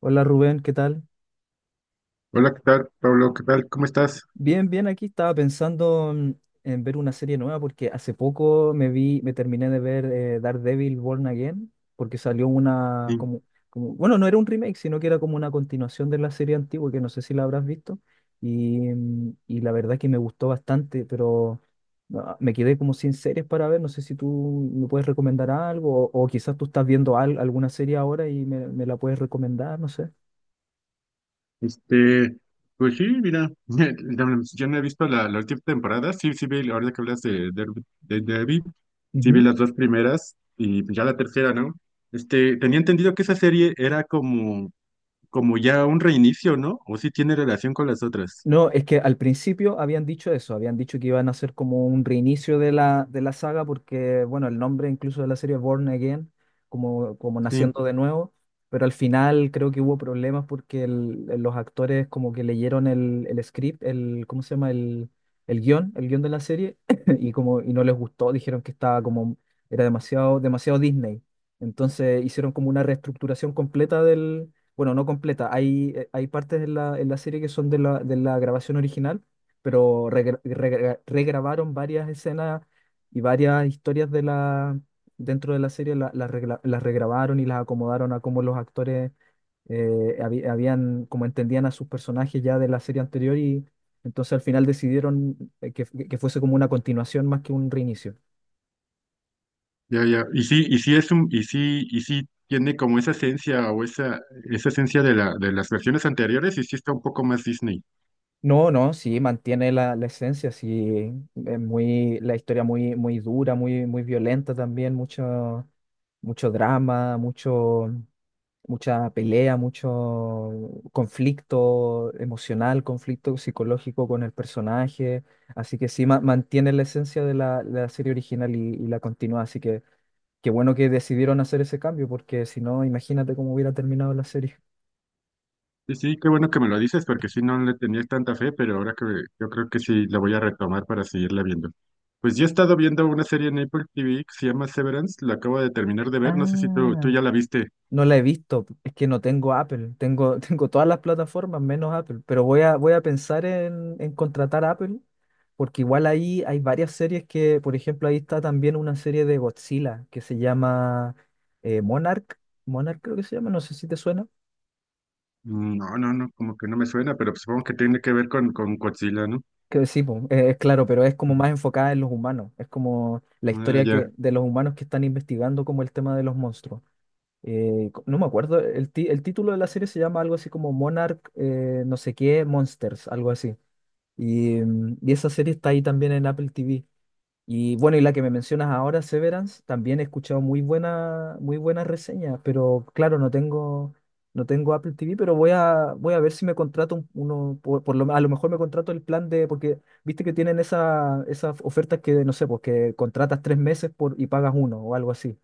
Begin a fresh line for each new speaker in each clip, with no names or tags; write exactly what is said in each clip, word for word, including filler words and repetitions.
Hola Rubén, ¿qué tal?
Hola, ¿qué tal, Pablo? ¿Qué tal? ¿Cómo estás?
Bien, bien, aquí estaba pensando en, en ver una serie nueva porque hace poco me vi, me terminé de ver eh, Daredevil Born Again, porque salió una
Sí,
como, como- bueno, no era un remake, sino que era como una continuación de la serie antigua, que no sé si la habrás visto, y, mm, y la verdad que me gustó bastante, pero ah, me quedé como sin series para ver, no sé si tú me puedes recomendar algo, o, o quizás tú estás viendo al- alguna serie ahora y me, me la puedes recomendar, no sé.
este, pues sí, mira, yo no he visto la, la última temporada. Sí, sí vi, ahorita que hablas de Derby, de Derby, sí vi las dos primeras y ya la tercera, ¿no? Este, tenía entendido que esa serie era como, como ya un reinicio, ¿no? O sí tiene relación con las otras.
No, es que al principio habían dicho eso, habían dicho que iban a hacer como un reinicio de la, de la saga, porque, bueno, el nombre incluso de la serie es Born Again, como, como
Sí,
naciendo de nuevo, pero al final creo que hubo problemas porque el- los actores como que leyeron el, el script, el, ¿cómo se llama? El, el guión, el guión de la serie, y como, y no les gustó, dijeron que estaba como, era demasiado, demasiado Disney. Entonces hicieron como una reestructuración completa, bueno, no completa. Hay, eh, hay partes en la, en la serie que son de la, de la grabación original, pero regra- regra- regrabaron varias escenas y varias historias de la, dentro de la serie, la- las regla- las regrabaron y las acomodaron a cómo los actores eh, habi- habían, como entendían a sus personajes ya de la serie anterior y entonces al final decidieron eh, que, que fuese como una continuación más que un reinicio.
ya, ya. Y sí, y sí es un, y sí, y sí tiene como esa esencia o esa, esa esencia de la, de las versiones anteriores y sí está un poco más Disney.
No, no, sí, mantiene la, la esencia, sí, es muy, la historia muy, muy dura, muy, muy violenta también, mucho, mucho drama, mucho, mucha pelea, mucho conflicto emocional, conflicto psicológico con el personaje, así que sí, ma- mantiene la esencia de la, de la serie original y, y la continúa, así que qué bueno que decidieron hacer ese cambio, porque si no, imagínate cómo hubiera terminado la serie.
Sí, sí, qué bueno que me lo dices, porque sí no le tenía tanta fe, pero ahora que yo creo que sí la voy a retomar para seguirla viendo. Pues yo he estado viendo una serie en Apple T V que se llama Severance, la acabo de terminar de ver, no sé si tú, tú
Ah.
ya la viste.
No la he visto, es que no tengo Apple, tengo, tengo todas las plataformas menos Apple, pero voy a, voy a pensar en, en contratar a Apple, porque igual ahí hay varias series que, por ejemplo, ahí está también una serie de Godzilla que se llama eh, Monarch, Monarch, creo que se llama, no sé si te suena,
Mm, No, no, no, como que no me suena, pero supongo que tiene que ver con, con Godzilla, ¿no?
que sí, po, eh, es claro, pero es como
Ujú.
más enfocada en los humanos, es como la
Ah,
historia que,
ya.
de los humanos que están investigando como el tema de los monstruos. Eh, co- no me acuerdo, el, ti- el título de la serie se llama algo así como Monarch, eh, no sé qué, Monsters, algo así. Y, mm, y esa serie está ahí también en Apple T V. Y bueno, y la que me mencionas ahora, Severance, también he escuchado muy buena, muy buenas reseñas, pero claro, no tengo, no tengo Apple T V, pero voy a, voy a ver si me contrato un- uno, por, por lo, me- a lo mejor me contrato el plan de, porque viste que tienen esa, esas ofertas que, no sé, pues que contratas tres meses por, y pagas uno o algo así.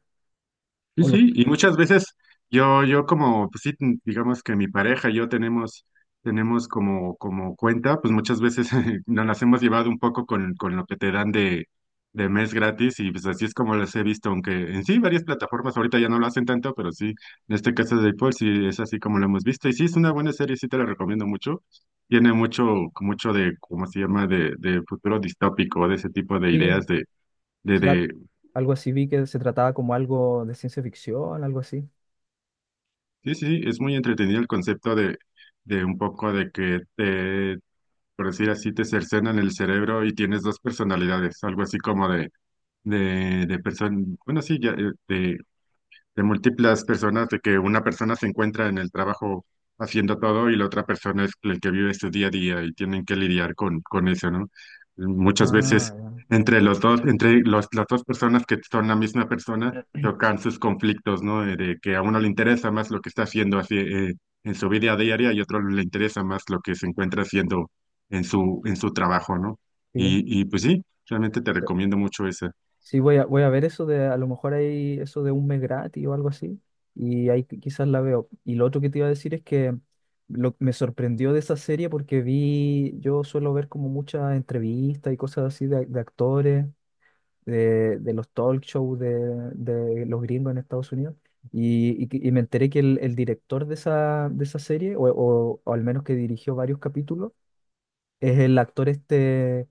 Sí,
O los,
sí, y muchas veces yo, yo como, pues sí, ten- digamos que mi pareja y yo tenemos, tenemos como, como cuenta, pues muchas veces nos las hemos llevado un poco con, con lo que te dan de, de mes gratis y pues así es como las he visto, aunque en sí varias plataformas ahorita ya no lo hacen tanto, pero sí, en este caso de Apple sí es así como lo hemos visto y sí es una buena serie, sí te la recomiendo mucho, tiene mucho, mucho de, ¿cómo se llama?, de, de futuro distópico, de ese tipo de
sí,
ideas de, de,
sí, al-
de
algo así vi que se trataba como algo de ciencia ficción, algo así.
Sí, sí, sí, es muy entretenido el concepto de, de un poco de que te, por decir así, te cercenan el cerebro y tienes dos personalidades, algo así como de, de, de persona, bueno, sí, ya, eh, de, de múltiples personas, de que una persona se encuentra en el trabajo haciendo todo y la otra persona es el que vive su día a día y tienen que lidiar con, con eso, ¿no? Muchas
Ah,
veces
ya.
entre los dos, entre los, las dos personas que son la misma persona, chocan sus conflictos, ¿no? Eh, De que a uno le interesa más lo que está haciendo así, eh, en su vida diaria y a otro le interesa más lo que se encuentra haciendo en su, en su trabajo, ¿no?
Sí.
Y, y pues sí, realmente te
So-
recomiendo mucho esa.
Sí, voy a, voy a ver eso de, a lo mejor hay eso de un mes gratis o algo así, y ahí qui- quizás la veo. Y lo otro que te iba a decir es que lo, me sorprendió de esa serie porque vi, yo suelo ver como muchas entrevistas y cosas así de, de actores, de, de los talk shows de, de los gringos en Estados Unidos. Y, y- que- y me enteré que el, el director de esa, de esa serie, o, o- o al menos que dirigió varios capítulos, es el actor este,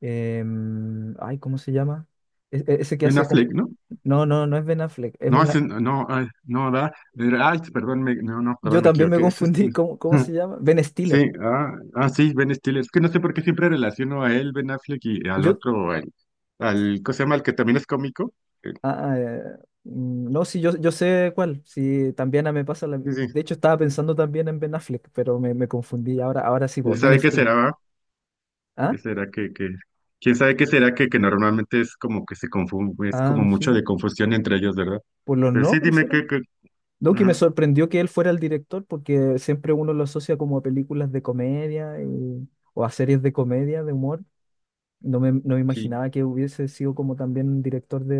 em, ay, ¿cómo se llama? E- e- ese que
Ben
hace como...
Affleck, ¿no?
No, no, no es Ben Affleck, es
No,
una...
ese no, no, ay, no, da. Era- Ay, perdón, me, no, no,
Yo
perdón, me
también me
equivoqué. Ese es-
confundí, ¿cómo, cómo se llama? Ben
Sí,
Stiller.
ah, ah, sí, Ben Stiller. Es que no sé por qué siempre relaciono a él, Ben Affleck, y al
Yo.
otro, al, al, ¿cómo se llama? El que también es cómico. Eh,
ah, ah, eh, mm, no, sí, yo, yo sé cuál. Sí, también ah, me pasa. la-
Sí,
De
sí.
hecho, estaba pensando también en Ben Affleck, pero me, me confundí. Ahora, ahora sí,
¿Quién
vos, Ben
sabe qué
Stiller.
será, va?
Ah,
¿Qué será que, que, quién sabe qué será que, que normalmente es como que se confunde, es como
ah,
mucho
sí,
de confusión entre ellos, ¿verdad?
por los
Pero sí,
nombres
dime
era.
que, que,
No, que me
ajá,
sorprendió que él fuera el director porque siempre uno lo asocia como a películas de comedia y- o a series de comedia, de humor. No me, no me
sí.
imaginaba que hubiese sido como también un director de,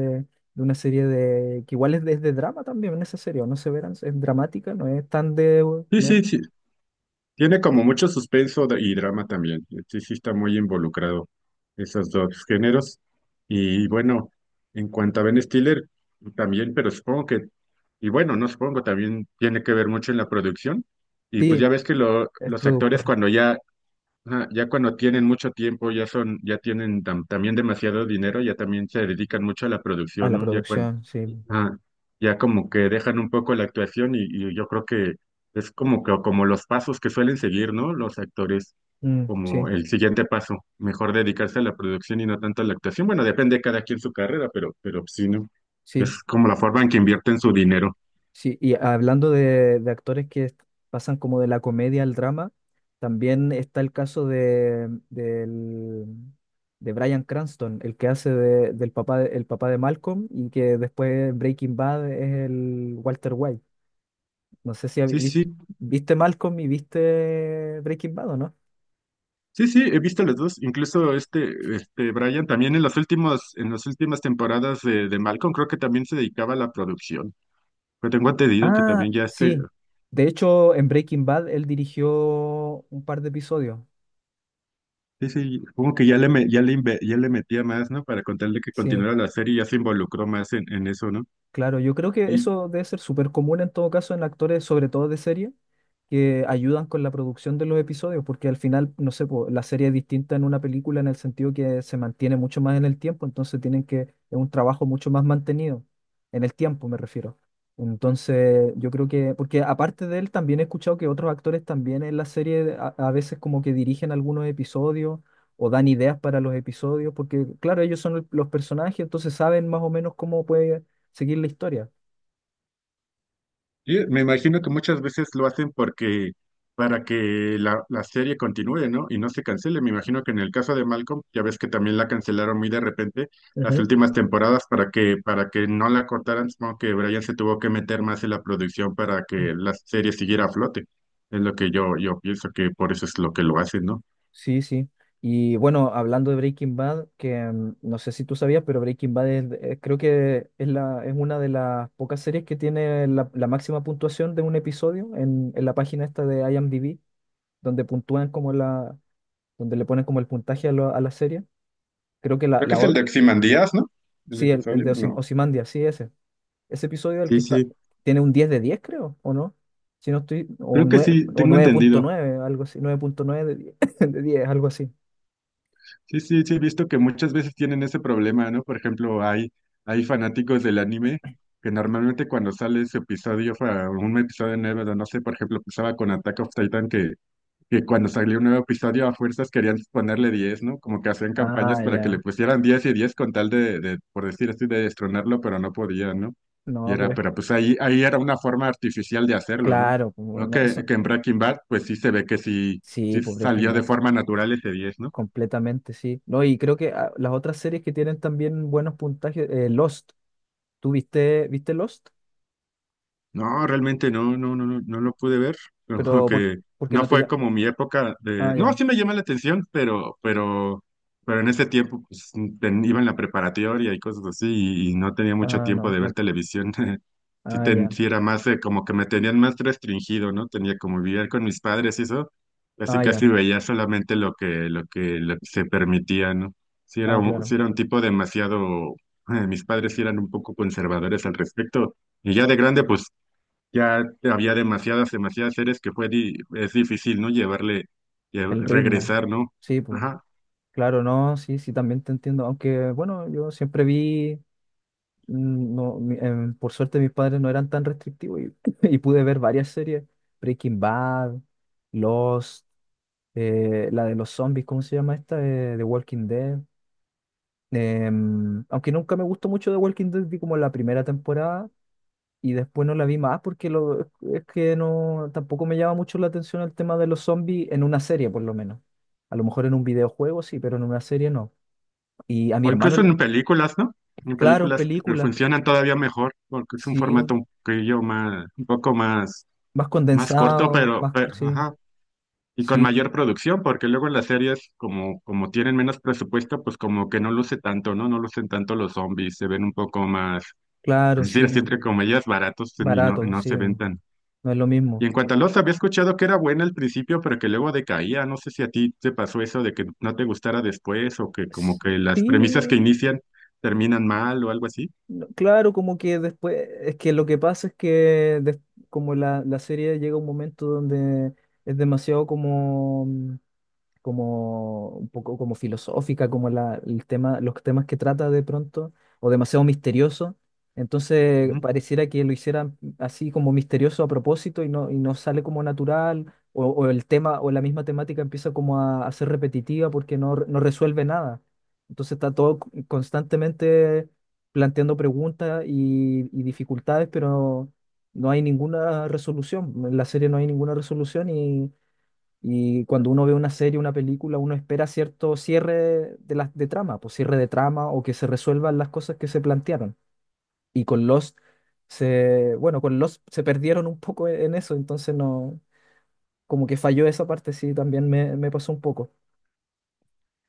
de una serie de... que igual es de, es de drama también en esa serie, ¿o ¿no se verán? Es dramática, no es tan de,
Sí,
no es-
sí, sí, tiene como mucho suspenso de- y drama también. Sí, sí está muy involucrado esos dos géneros. Y bueno, en cuanto a Ben Stiller, también, pero supongo que, y bueno, no supongo, también tiene que ver mucho en la producción. Y pues
sí,
ya ves que lo-
es
los actores
productor.
cuando ya, ajá, ya cuando tienen mucho tiempo, ya son, ya tienen tam- también demasiado dinero, ya también se dedican mucho a la
A
producción,
la
¿no? Ya
producción, sí.
ah, ya como que dejan un poco la actuación y, y yo creo que es como que como los pasos que suelen seguir, ¿no? Los actores,
Mm,
como
sí,
el siguiente paso, mejor dedicarse a la producción y no tanto a la actuación. Bueno, depende de cada quien su carrera, pero, pero sí, ¿no?
sí.
Es como la forma en que invierten su dinero.
Sí, y hablando de, de actores que est- pasan como de la comedia al drama, también está el caso de, del- de Bryan Cranston, el que hace de- del papá de, el papá de Malcolm y que después en Breaking Bad es el Walter White. No sé si habi-
Sí,
vis-
sí,
viste Malcolm y viste Breaking Bad o no.
sí, sí, he visto las dos. Incluso este, este Brian también en las últimas, en las últimas temporadas de, de Malcolm creo que también se dedicaba a la producción. Pero tengo entendido que
Ah,
también ya este,
sí. De hecho, en Breaking Bad él dirigió un par de episodios.
sí, sí, como que ya le, me- ya le, inve- ya le metía más, ¿no? Para contarle que
Sí.
continuara la serie, ya se involucró más en, en eso, ¿no?
Claro, yo creo que
Y,
eso debe ser súper común en todo caso en actores, sobre todo de serie, que ayudan con la producción de los episodios, porque al final, no sé, po, la serie es distinta en una película en el sentido que se mantiene mucho más en el tiempo, entonces tienen que, es un trabajo mucho más mantenido, en el tiempo me refiero. Entonces, yo creo que, porque aparte de él, también he escuchado que otros actores también en la serie a, a veces como que dirigen algunos episodios o dan ideas para los episodios, porque claro, ellos son el- los personajes, entonces saben más o menos cómo puede seguir la historia.
y me imagino que muchas veces lo hacen porque, para que la, la serie continúe, ¿no? Y no se cancele. Me imagino que en el caso de Malcolm, ya ves que también la cancelaron muy de repente las
Ujú.
últimas temporadas para que, para que no la cortaran, supongo que Brian se tuvo que meter más en la producción para que la serie siguiera a flote. Es lo que yo, yo pienso que por eso es lo que lo hacen, ¿no?
Sí, sí. Y bueno, hablando de Breaking Bad, que mm, no sé si tú sabías, pero Breaking Bad es- eh, creo que es, la, es una de las pocas series que tiene la, la máxima puntuación de un episodio en, en la página esta de IMDb, donde puntúan como la, donde le ponen como el puntaje a, lo- a la serie. Creo que la,
Creo que
la
es el
o-
de Ozymandias, ¿no? El
sí, el, el
episodio,
de
no.
Ozymandias, sí, ese. Ese episodio, el
Sí,
que está,
sí,
tiene un diez de diez creo, ¿o no? Si no estoy, o
creo que
nueve
sí,
o
tengo
nueve punto
entendido.
nueve algo así, nueve punto nueve de diez de diez algo así.
Sí, sí, sí, he visto que muchas veces tienen ese problema, ¿no? Por ejemplo, hay, hay fanáticos del anime que normalmente cuando sale ese episodio, fa- un episodio nuevo, no sé, por ejemplo, pasaba con Attack of Titan que que cuando salió un nuevo episodio a fuerzas querían ponerle diez, ¿no? Como que hacían
Ah,
campañas para que le
ya.
pusieran diez y diez con tal de, de, por decir así, de destronarlo, pero no podían, ¿no? Y
No,
era,
pero es que,
pero pues ahí, ahí era una forma artificial de hacerlo, ¿no?
claro, pues,
No
bueno,
que,
eso.
que en Breaking Bad, pues sí se ve que sí,
Sí,
sí
pues Breaking
salió de
Bad,
forma natural ese diez, ¿no?
completamente, sí. No, y creo que ah, las otras series que tienen también buenos puntajes, eh, Lost. ¿Tú viste, viste Lost?
No, realmente no, no, no, no, no lo pude ver. Como
Pero, ¿por,
que
porque
no
no te
fue
ya?
como mi época
Ah,
de. No,
ya.
sí me llama la atención, pero, pero, pero en ese tiempo pues, ten- iba en la preparatoria y cosas así, y, y no tenía mucho
Ah,
tiempo
no,
de ver
no.
televisión. Sí,
Ah,
ten-
ya.
sí era más eh, como que me tenían más restringido, ¿no? Tenía como vivir con mis padres y eso. Casi
Ah, ya.
casi veía solamente lo que, lo que, lo que se permitía, ¿no? Sí era
Ah,
un, sí
claro.
era un tipo demasiado. eh, mis padres sí eran un poco conservadores al respecto. Y ya de grande, pues ya había demasiadas, demasiadas series que fue di- es difícil, ¿no? Llevarle, lle-
El ritmo.
regresar, ¿no?
Sí, pues.
Ajá.
Claro, no, sí, sí, también te entiendo. Aunque, bueno, yo siempre vi, mm, no, mi- em, por suerte mis padres no eran tan restrictivos y, y pude ver varias series. Breaking Bad, Lost, eh, la de los zombies, ¿cómo se llama esta? Eh, The Walking Dead. Em, aunque nunca me gustó mucho The Walking Dead, vi como la primera temporada y después no la vi más porque lo, es que no, tampoco me llama mucho la atención el tema de los zombies en una serie, por lo menos. A lo mejor en un videojuego sí, pero en una serie no. Y a mi
O
hermano,
incluso
la-
en películas, ¿no? En
claro, en
películas que
películas,
funcionan todavía mejor, porque es un
sí,
formato un poquillo más, un poco más,
más
más corto,
condensado,
pero,
más, co-
pero,
sí,
ajá. Y con
sí,
mayor producción, porque luego en las series, como, como tienen menos presupuesto, pues como que no luce tanto, ¿no? No lucen tanto los zombies, se ven un poco más,
claro,
es decir,
sí,
así
po,
entre comillas, baratos y no,
barato,
no
sí,
se ven
po,
tan.
no es lo
Y
mismo.
en cuanto a Lost, había escuchado que era buena al principio, pero que luego decaía. No sé si a ti te pasó eso de que no te gustara después o que como
S-
que las premisas que
Sí,
inician terminan mal o algo así.
no, claro, como que después, es que lo que pasa es que des- como la, la serie llega a un momento donde es demasiado como como un poco como filosófica, como la, el tema, los temas que trata de pronto, o demasiado misterioso. Entonces pareciera que lo hicieran así como misterioso a propósito y no, y no sale como natural, o, o el tema o la misma temática empieza como a, a ser repetitiva porque no, re- no resuelve nada. Entonces está todo c- constantemente planteando preguntas y, y dificultades, pero no hay ninguna resolución. En la serie no hay ninguna resolución y cuando uno ve una serie, una película, uno espera cierto cierre de, las de trama, pues cierre de trama o que se resuelvan las cosas que se plantearon. Y con Lost se, bueno, con Lost se perdieron un poco e, en eso, entonces no, como que falló esa parte, sí, también me, me pasó un poco.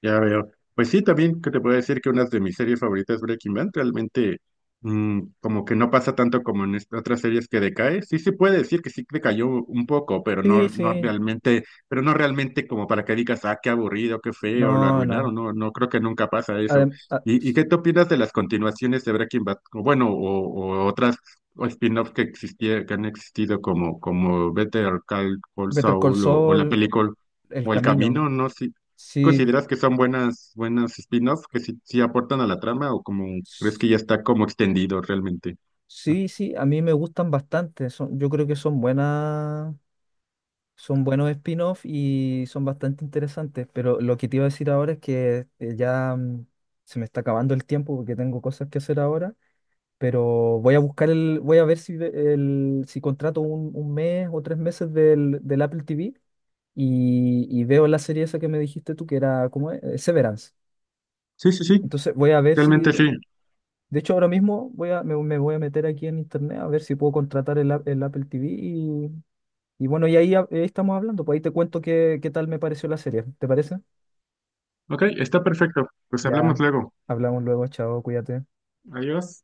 Ya veo. Pues sí, también que te puedo decir que una de mis series favoritas es Breaking Bad. Realmente, mm, como que no pasa tanto como en est- otras series que decae. Sí se puede decir que sí decayó un poco, pero no,
Sí,
no
sí,
realmente, pero no realmente como para que digas, ah, qué aburrido, qué feo, lo
no,
arruinaron.
no.
No, no creo que nunca pasa eso.
Adem- a-
¿Y, y qué te opinas de las continuaciones de Breaking Bad? O bueno, o, o otras o spin-offs que existía, que han existido como, como Better Call
Better Call
Saul, o, o la
Saul,
película.
El
O El
Camino,
Camino, no sé,
sí,
¿consideras que son buenas, buenas spin-offs que sí, sí aportan a la trama o como crees
s-
que ya está como extendido realmente? Ah,
sí, sí, a mí me gustan bastante, son, yo creo que son buenas. Son buenos spin-off y son bastante interesantes, pero lo que te iba a decir ahora es que eh, ya, mm, se me está acabando el tiempo porque tengo cosas que hacer ahora, pero voy a buscar el, voy a ver si, ve- el, si contrato un, un mes o tres meses del, del Apple T V y, y veo la serie esa que me dijiste tú que era, ¿cómo es? Eh, Severance.
sí, sí, sí,
Entonces voy a ver
realmente
si,
sí.
de hecho ahora mismo voy a, me, me voy a meter aquí en internet a ver si puedo contratar el, a- el Apple T V y bueno, y ahí, hab- ahí estamos hablando, pues ahí te cuento qué, qué, tal me pareció la serie, ¿te parece?
Ok, está perfecto. Pues hablamos
Ya
luego.
hablamos luego, chao, cuídate.
Adiós.